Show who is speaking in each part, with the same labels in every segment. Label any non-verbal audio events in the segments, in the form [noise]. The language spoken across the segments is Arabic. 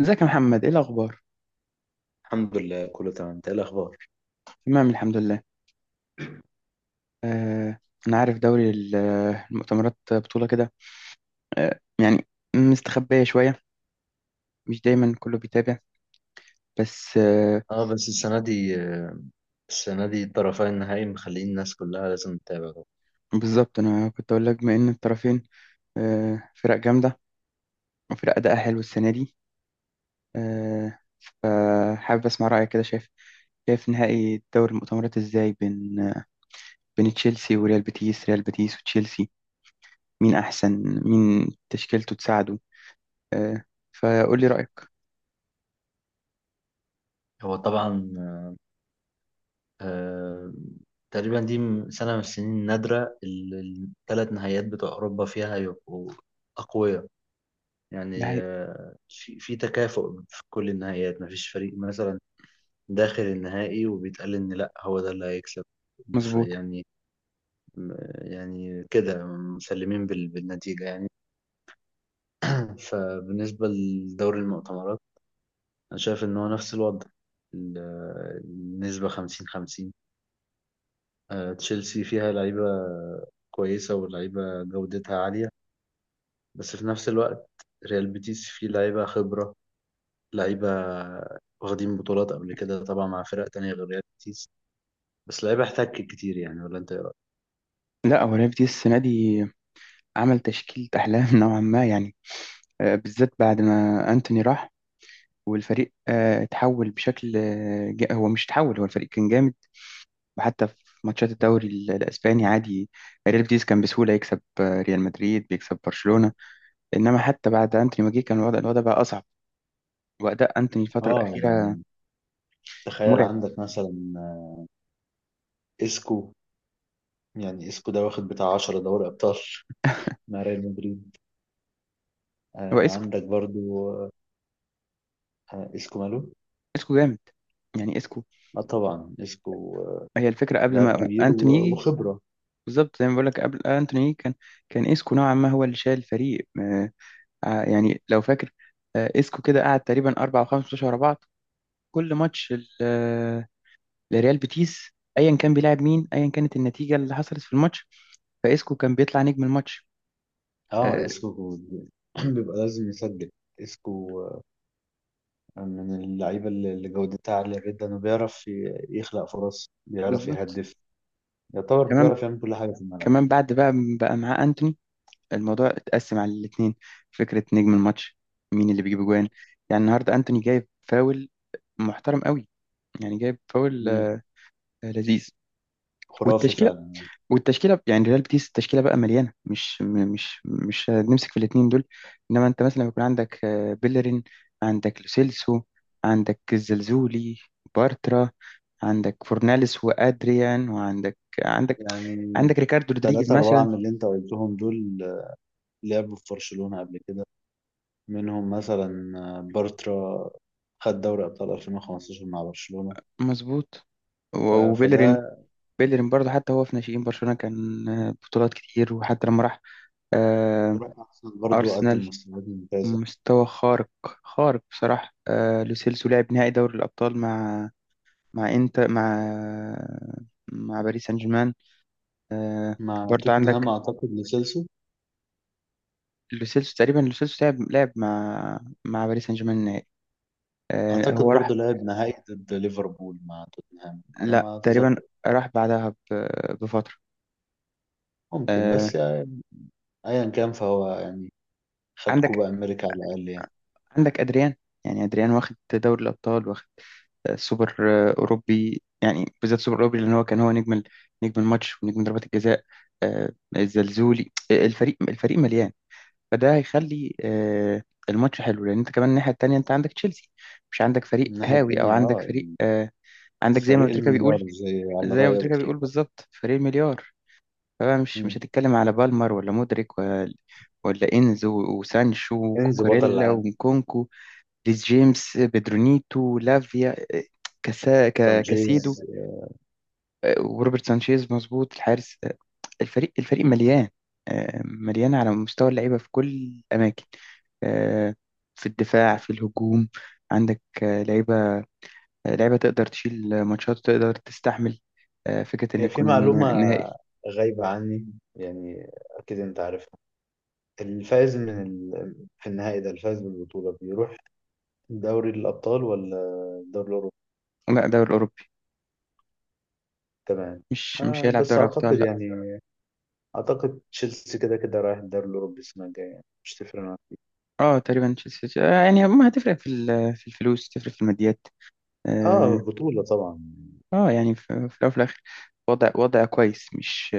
Speaker 1: ازيك يا محمد ايه الاخبار؟
Speaker 2: الحمد لله كله تمام، انت ايه الاخبار؟
Speaker 1: تمام الحمد لله. آه انا عارف دوري المؤتمرات بطولة كده. آه يعني مستخبية شوية، مش دايما كله بيتابع بس.
Speaker 2: اه، بس السنة دي، الطرفين النهائي مخلين الناس كلها لازم تتابع طبعا.
Speaker 1: بالظبط انا كنت اقول لك بما ان الطرفين فرق جامدة وفرق اداء حلو السنة دي. آه فحابب اسمع رأيك، كده شايف، شايف نهائي دوري المؤتمرات ازاي بين بين تشيلسي وريال بيتيس، ريال بيتيس وتشيلسي، مين احسن؟ مين تشكيلته تساعده؟ آه فقول لي رأيك.
Speaker 2: هو طبعا، آه تقريبا دي سنة من السنين النادرة اللي الثلاث نهائيات بتوع أوروبا فيها يبقوا أقوياء.
Speaker 1: ده
Speaker 2: يعني
Speaker 1: حقيقي
Speaker 2: في تكافؤ في كل النهائيات، مفيش فريق مثلا داخل النهائي وبيتقال إن لأ هو ده اللي هيكسب
Speaker 1: مظبوط.
Speaker 2: يعني، كده، مسلمين بالنتيجة يعني. فبالنسبة لدوري المؤتمرات، أنا شايف إن هو نفس الوضع. ال- النسبة خمسين خمسين. تشيلسي فيها لعيبة كويسة ولعيبة جودتها عالية، بس في نفس الوقت ريال بيتيس فيه لعيبة خبرة، لعيبة واخدين بطولات قبل كده طبعا مع فرق تانية غير ريال بيتيس، بس لعيبة احتكت كتير يعني. ولا أنت إيه رأيك؟
Speaker 1: لا، هو ليفدي السنة دي عمل تشكيلة أحلام [laughs] نوعا ما يعني. بالذات بعد ما أنتوني راح والفريق اتحول بشكل هو مش اتحول، هو الفريق كان جامد. وحتى في ماتشات الدوري الأسباني عادي، ريال بيتيس كان بسهولة يكسب ريال مدريد، بيكسب برشلونة. إنما حتى بعد أنتوني ما جه كان الوضع بقى أصعب. وأداء أنتوني الفترة الأخيرة
Speaker 2: يعني تخيل
Speaker 1: مرعب.
Speaker 2: عندك مثلا إسكو. يعني إسكو ده واخد بتاع 10 دوري أبطال [laughs] مع ريال مدريد.
Speaker 1: هو إسكو،
Speaker 2: عندك برضو. اسكو ماله؟
Speaker 1: إسكو جامد، يعني إسكو
Speaker 2: اه طبعا اسكو،
Speaker 1: هي الفكرة قبل
Speaker 2: لاعب
Speaker 1: ما
Speaker 2: كبير
Speaker 1: أنتوني يجي.
Speaker 2: وخبرة.
Speaker 1: بالظبط زي ما بقول لك، قبل أنتوني يجي كان إسكو نوعا ما هو اللي شايل الفريق. يعني لو فاكر، اسكو كده قعد تقريبا اربع او خمس ماتشات ورا بعض، كل ماتش لريال بيتيس، ايا كان بيلعب مين، ايا كانت النتيجه اللي حصلت في الماتش، فاسكو كان بيطلع نجم الماتش.
Speaker 2: اه
Speaker 1: آه،
Speaker 2: اسكو [clears throat] بيبقى لازم يسجل. اسكو من اللعيبة اللي جودتها عالية جدا، وبيعرف يخلق فرص، بيعرف
Speaker 1: بالظبط.
Speaker 2: يهدف. يعتبر
Speaker 1: كمان
Speaker 2: بيعرف يعمل كل حاجة في الملعب.
Speaker 1: كمان بعد بقى بقى معاه انتوني، الموضوع اتقسم على الاثنين، فكره نجم الماتش مين اللي بيجيب اجوان. يعني النهارده انتوني جايب فاول محترم قوي، يعني جايب فاول
Speaker 2: مم.
Speaker 1: لذيذ.
Speaker 2: خرافي
Speaker 1: والتشكيله
Speaker 2: فعلا.
Speaker 1: والتشكيله يعني ريال بيتيس، التشكيله بقى مليانه، مش م- مش مش نمسك في الاثنين دول، انما انت مثلا لما يكون عندك بيلرين، عندك لوسيلسو، عندك الزلزولي، بارترا، عندك فورناليس وادريان، وعندك عندك
Speaker 2: يعني
Speaker 1: عندك ريكاردو رودريجيز
Speaker 2: تلاتة أربعة
Speaker 1: مثلا.
Speaker 2: من اللي أنت قلتهم دول لعبوا في برشلونة قبل كده. منهم مثلا بارترا خد دوري أبطال 2015 مع برشلونة.
Speaker 1: مظبوط. و- وبيلرين،
Speaker 2: فده.
Speaker 1: بيلرين برضه حتى هو في ناشئين برشلونه كان بطولات كتير، وحتى لما راح آه،
Speaker 2: وراح أرسنال برضو قدم
Speaker 1: أرسنال،
Speaker 2: مستويات ممتازة
Speaker 1: مستوى خارق، خارق بصراحة. لوسيلسو لعب نهائي دوري الأبطال مع، مع انت مع مع باريس سان جيرمان. آه
Speaker 2: مع
Speaker 1: برضو
Speaker 2: توتنهام،
Speaker 1: عندك
Speaker 2: أعتقد لسيلسو.
Speaker 1: لوسيلسو، تقريبا لوسيلسو لعب مع مع باريس سان جيرمان النهائي.
Speaker 2: أعتقد
Speaker 1: هو راح،
Speaker 2: برضو لعب نهائي ضد ليفربول مع توتنهام على
Speaker 1: لا
Speaker 2: ما
Speaker 1: تقريبا،
Speaker 2: أتذكر.
Speaker 1: راح بعدها بفترة.
Speaker 2: ممكن،
Speaker 1: آه
Speaker 2: بس يعني أيا كان فهو يعني خد
Speaker 1: عندك،
Speaker 2: كوبا أمريكا على الأقل يعني.
Speaker 1: عندك ادريان، يعني ادريان واخد دوري الابطال، واخد سوبر اوروبي، يعني بالذات سوبر اوروبي لان هو كان هو نجم نجم الماتش ونجم ضربات الجزاء. الزلزولي، الفريق الفريق مليان، فده هيخلي الماتش حلو، لان انت كمان الناحيه التانيه انت عندك تشيلسي، مش عندك فريق
Speaker 2: من الناحية
Speaker 1: هاوي، او
Speaker 2: التانية،
Speaker 1: عندك فريق
Speaker 2: يعني
Speaker 1: عندك زي ما
Speaker 2: فريق
Speaker 1: بتريكا
Speaker 2: المليار،
Speaker 1: بيقول،
Speaker 2: زي على
Speaker 1: زي ما
Speaker 2: رأي أبو
Speaker 1: بتريكا بيقول
Speaker 2: تريكة.
Speaker 1: بالظبط فريق مليار. فبقى مش
Speaker 2: مم.
Speaker 1: هتتكلم على بالمر، ولا مودريك، ولا انزو وسانشو
Speaker 2: إنزو بطل
Speaker 1: وكوكوريلا
Speaker 2: العالم.
Speaker 1: ومكونكو، ريس جيمس، بيدرونيتو، لافيا، كاسا كاسيدو،
Speaker 2: تنجيز.
Speaker 1: وروبرت سانشيز، مظبوط الحارس. الفريق مليان، مليان على مستوى اللعيبة في كل الأماكن، آه، في الدفاع، في الهجوم، عندك لعيبة، لعيبة تقدر تشيل ماتشات، تقدر تستحمل فكرة إن
Speaker 2: هي في
Speaker 1: يكون
Speaker 2: معلومة
Speaker 1: نهائي.
Speaker 2: غايبة عني، يعني أكيد أنت عارفها. الفائز من في النهائي ده، الفائز بالبطولة بيروح دوري الأبطال ولا الدوري الأوروبي؟
Speaker 1: لا، دوري أوروبي،
Speaker 2: تمام.
Speaker 1: مش هيلعب
Speaker 2: بس
Speaker 1: دوري أبطال
Speaker 2: أعتقد،
Speaker 1: لا.
Speaker 2: يعني أعتقد تشيلسي كده كده رايح الدوري الأوروبي السنة الجاية، يعني مش تفرق معاه.
Speaker 1: اه تقريبا تشيلسي يعني ما هتفرق في في الفلوس، تفرق في الماديات. اه
Speaker 2: بطولة طبعا.
Speaker 1: يعني في في الأول وفي الآخر وضع، وضع كويس، مش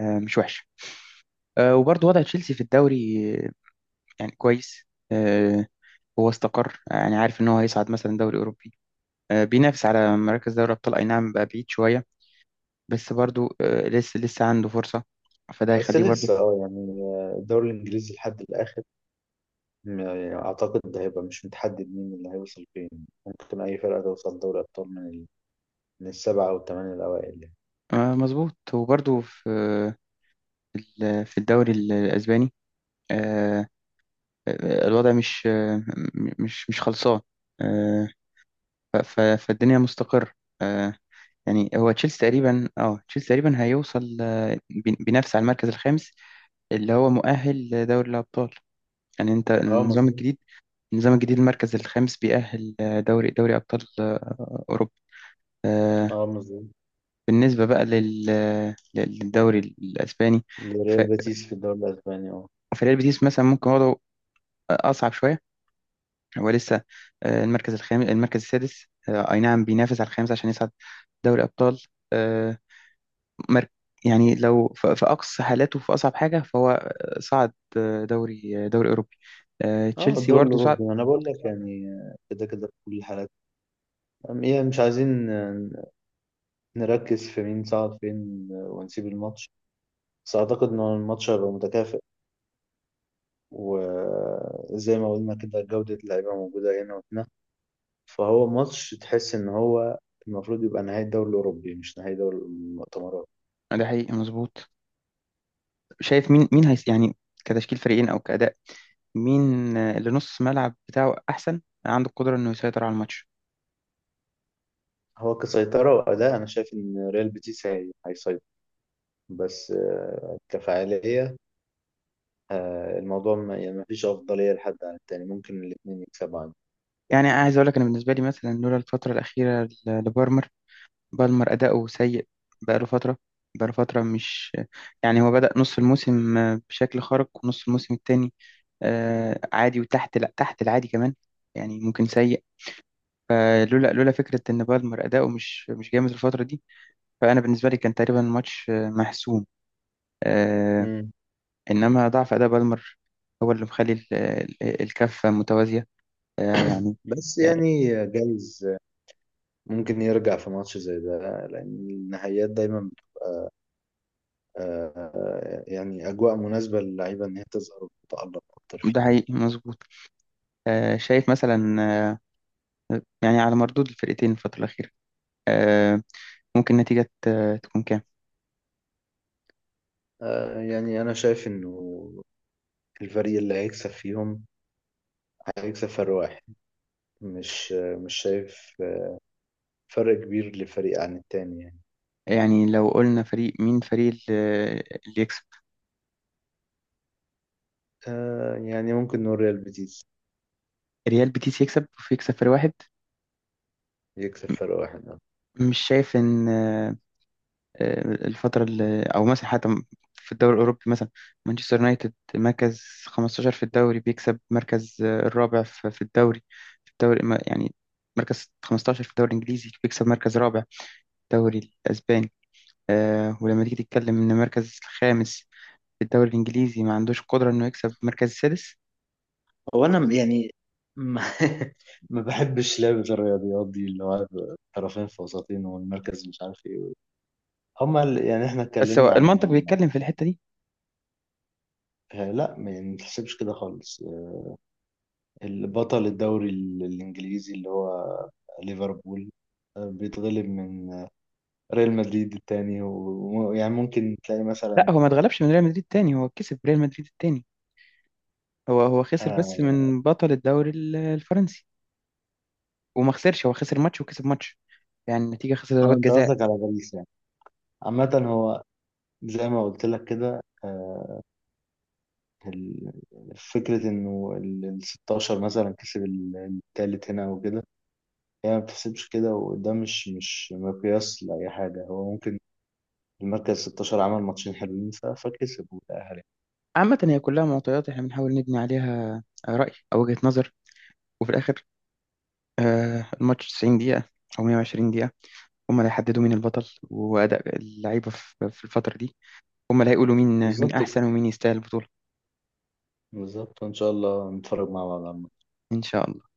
Speaker 1: مش وحش. وبرضه وضع تشيلسي في الدوري يعني كويس. آه، هو استقر، يعني عارف ان هو هيصعد مثلا دوري اوروبي، بينافس على مراكز دوري ابطال، اي نعم بقى بعيد شويه، بس برضو لسه عنده فرصه، فده
Speaker 2: بس
Speaker 1: هيخليه برضو.
Speaker 2: لسه، يعني الدوري الإنجليزي لحد الآخر. يعني أعتقد ده هيبقى مش متحدد مين اللي هيوصل فين. ممكن أي فرقة توصل دوري أبطال من السبعة أو الثمانية الأوائل يعني.
Speaker 1: مظبوط. وبرضو في في الدوري الاسباني آه، الوضع مش مش خلصان. آه، ف- ف- فالدنيا مستقر. آه، يعني هو تشيلسي تقريبا، اه تشيلسي تقريبا هيوصل بينافس على المركز الخامس اللي هو مؤهل لدوري الابطال. يعني انت
Speaker 2: اه
Speaker 1: النظام
Speaker 2: مظبوط.
Speaker 1: الجديد، النظام الجديد المركز الخامس بيأهل دوري أبطال أوروبا. آه،
Speaker 2: اه مظبوط.
Speaker 1: بالنسبة بقى للدوري الأسباني، ف-
Speaker 2: ريال بيتيس في الدوري الأسباني، اه.
Speaker 1: فريال بيتيس مثلا ممكن وضعه أصعب شوية. هو لسه المركز الخامس، المركز السادس، أي نعم بينافس على الخامس عشان يصعد دوري أبطال. آه، مر- يعني لو في أقصى حالاته في أصعب حاجة فهو صعد دوري أوروبي،
Speaker 2: اه،
Speaker 1: تشيلسي
Speaker 2: الدوري
Speaker 1: برضه صعد.
Speaker 2: الأوروبي أنا بقول لك، يعني كده كده في كل حالة. إيه، مش عايزين نركز في مين صعد فين ونسيب الماتش. بس أعتقد إن الماتش هيبقى متكافئ، وزي ما قلنا كده جودة اللعيبة موجودة هنا وهنا. فهو ماتش تحس إن هو المفروض يبقى نهائي الدوري الأوروبي، مش نهائي دوري المؤتمرات.
Speaker 1: ده حقيقي مظبوط. شايف مين، مين هيس يعني، كتشكيل فريقين أو كأداء، مين اللي نص ملعب بتاعه احسن، عنده القدره انه يسيطر على الماتش؟
Speaker 2: هو كسيطرة وأداء أنا شايف إن ريال بيتيس هيسيطر، بس كفاعلية، الموضوع، ما يعني ما فيش أفضلية لحد عن التاني، ممكن الاتنين يكسبوا عادي.
Speaker 1: يعني عايز اقول لك، انا بالنسبه لي مثلا لولا الفتره الاخيره لبالمر، بالمر اداؤه سيء بقاله فتره، بقاله فتره مش يعني هو بدأ نص الموسم بشكل خارق، ونص الموسم التاني عادي وتحت، لا تحت العادي كمان، يعني ممكن سيء. فلولا فكره ان بالمر اداؤه مش مش جامد الفتره دي، فانا بالنسبه لي كان تقريبا الماتش محسوم. آه،
Speaker 2: مم.
Speaker 1: إنما ضعف أداء بالمر هو اللي مخلي الكفة متوازية. آه، يعني
Speaker 2: بس
Speaker 1: آه،
Speaker 2: يعني جايز ممكن يرجع في ماتش زي ده، لأن النهائيات دايما يعني أجواء مناسبة للعيبة إن هي تظهر وتتألق أكتر
Speaker 1: ده
Speaker 2: فيها يعني.
Speaker 1: حقيقي مظبوط. شايف مثلا، يعني على مردود الفرقتين الفترة الأخيرة آه، ممكن النتيجة تكون كام؟
Speaker 2: يعني أنا شايف إنه الفريق اللي هيكسب فيهم هيكسب فرق واحد. مش شايف فرق كبير لفريق عن التاني يعني.
Speaker 1: يعني لو قلنا فريق مين، فريق اللي يكسب،
Speaker 2: يعني ممكن نقول ريال بيتيس
Speaker 1: ريال بيتيس يكسب ويكسب فريق واحد.
Speaker 2: يكسب فرق واحد.
Speaker 1: مش شايف إن الفترة اللي أو مثلا حتى في الدوري الأوروبي مثلا، مانشستر يونايتد مركز 15 في الدوري بيكسب مركز الرابع في الدوري، يعني مركز 15 في الدوري الإنجليزي بيكسب مركز رابع في الدوري الأسباني. ولما تيجي تتكلم إن مركز الخامس في الدوري الإنجليزي ما عندوش قدرة إنه يكسب مركز السادس؟
Speaker 2: هو أنا يعني ما, [laughs] ما بحبش لعبة الرياضيات دي، اللي هو طرفين في وسطين والمركز مش عارف إيه. هما يعني احنا
Speaker 1: بس هو
Speaker 2: اتكلمنا عن،
Speaker 1: المنطق بيتكلم في الحتة دي.
Speaker 2: لا، ما نحسبش كده خالص. البطل الدوري الانجليزي اللي هو ليفربول بيتغلب من ريال مدريد التاني ويعني ممكن تلاقي مثلا.
Speaker 1: لا هو ما اتغلبش من ريال مدريد تاني، هو كسب ريال مدريد التاني، هو خسر بس
Speaker 2: اه.
Speaker 1: من بطل الدوري الفرنسي، وما خسرش، هو خسر ماتش وكسب ماتش، يعني النتيجة خسر ضربات
Speaker 2: انت
Speaker 1: جزاء.
Speaker 2: قصدك على باريس يعني. عامة هو زي ما قلت لك كده، ال- فكرة انه ال 16 مثلا كسب التالت هنا وكده. هي يعني ما بتحسبش كده، وده مش مقياس لأي حاجة. هو ممكن المركز 16 عمل ماتشين حلوين فكسب وتأهل يعني.
Speaker 1: عامة هي كلها معطيات احنا بنحاول نبني عليها رأي أو وجهة نظر، وفي الآخر الماتش 90 دقيقة أو 120 دقيقة هما اللي هيحددوا مين البطل، وأداء اللعيبة في الفترة دي هما اللي هيقولوا مين، مين
Speaker 2: بالظبط كده.
Speaker 1: أحسن ومين يستاهل البطولة.
Speaker 2: بالظبط، وإن شاء الله نتفرج مع بعض على
Speaker 1: إن شاء الله.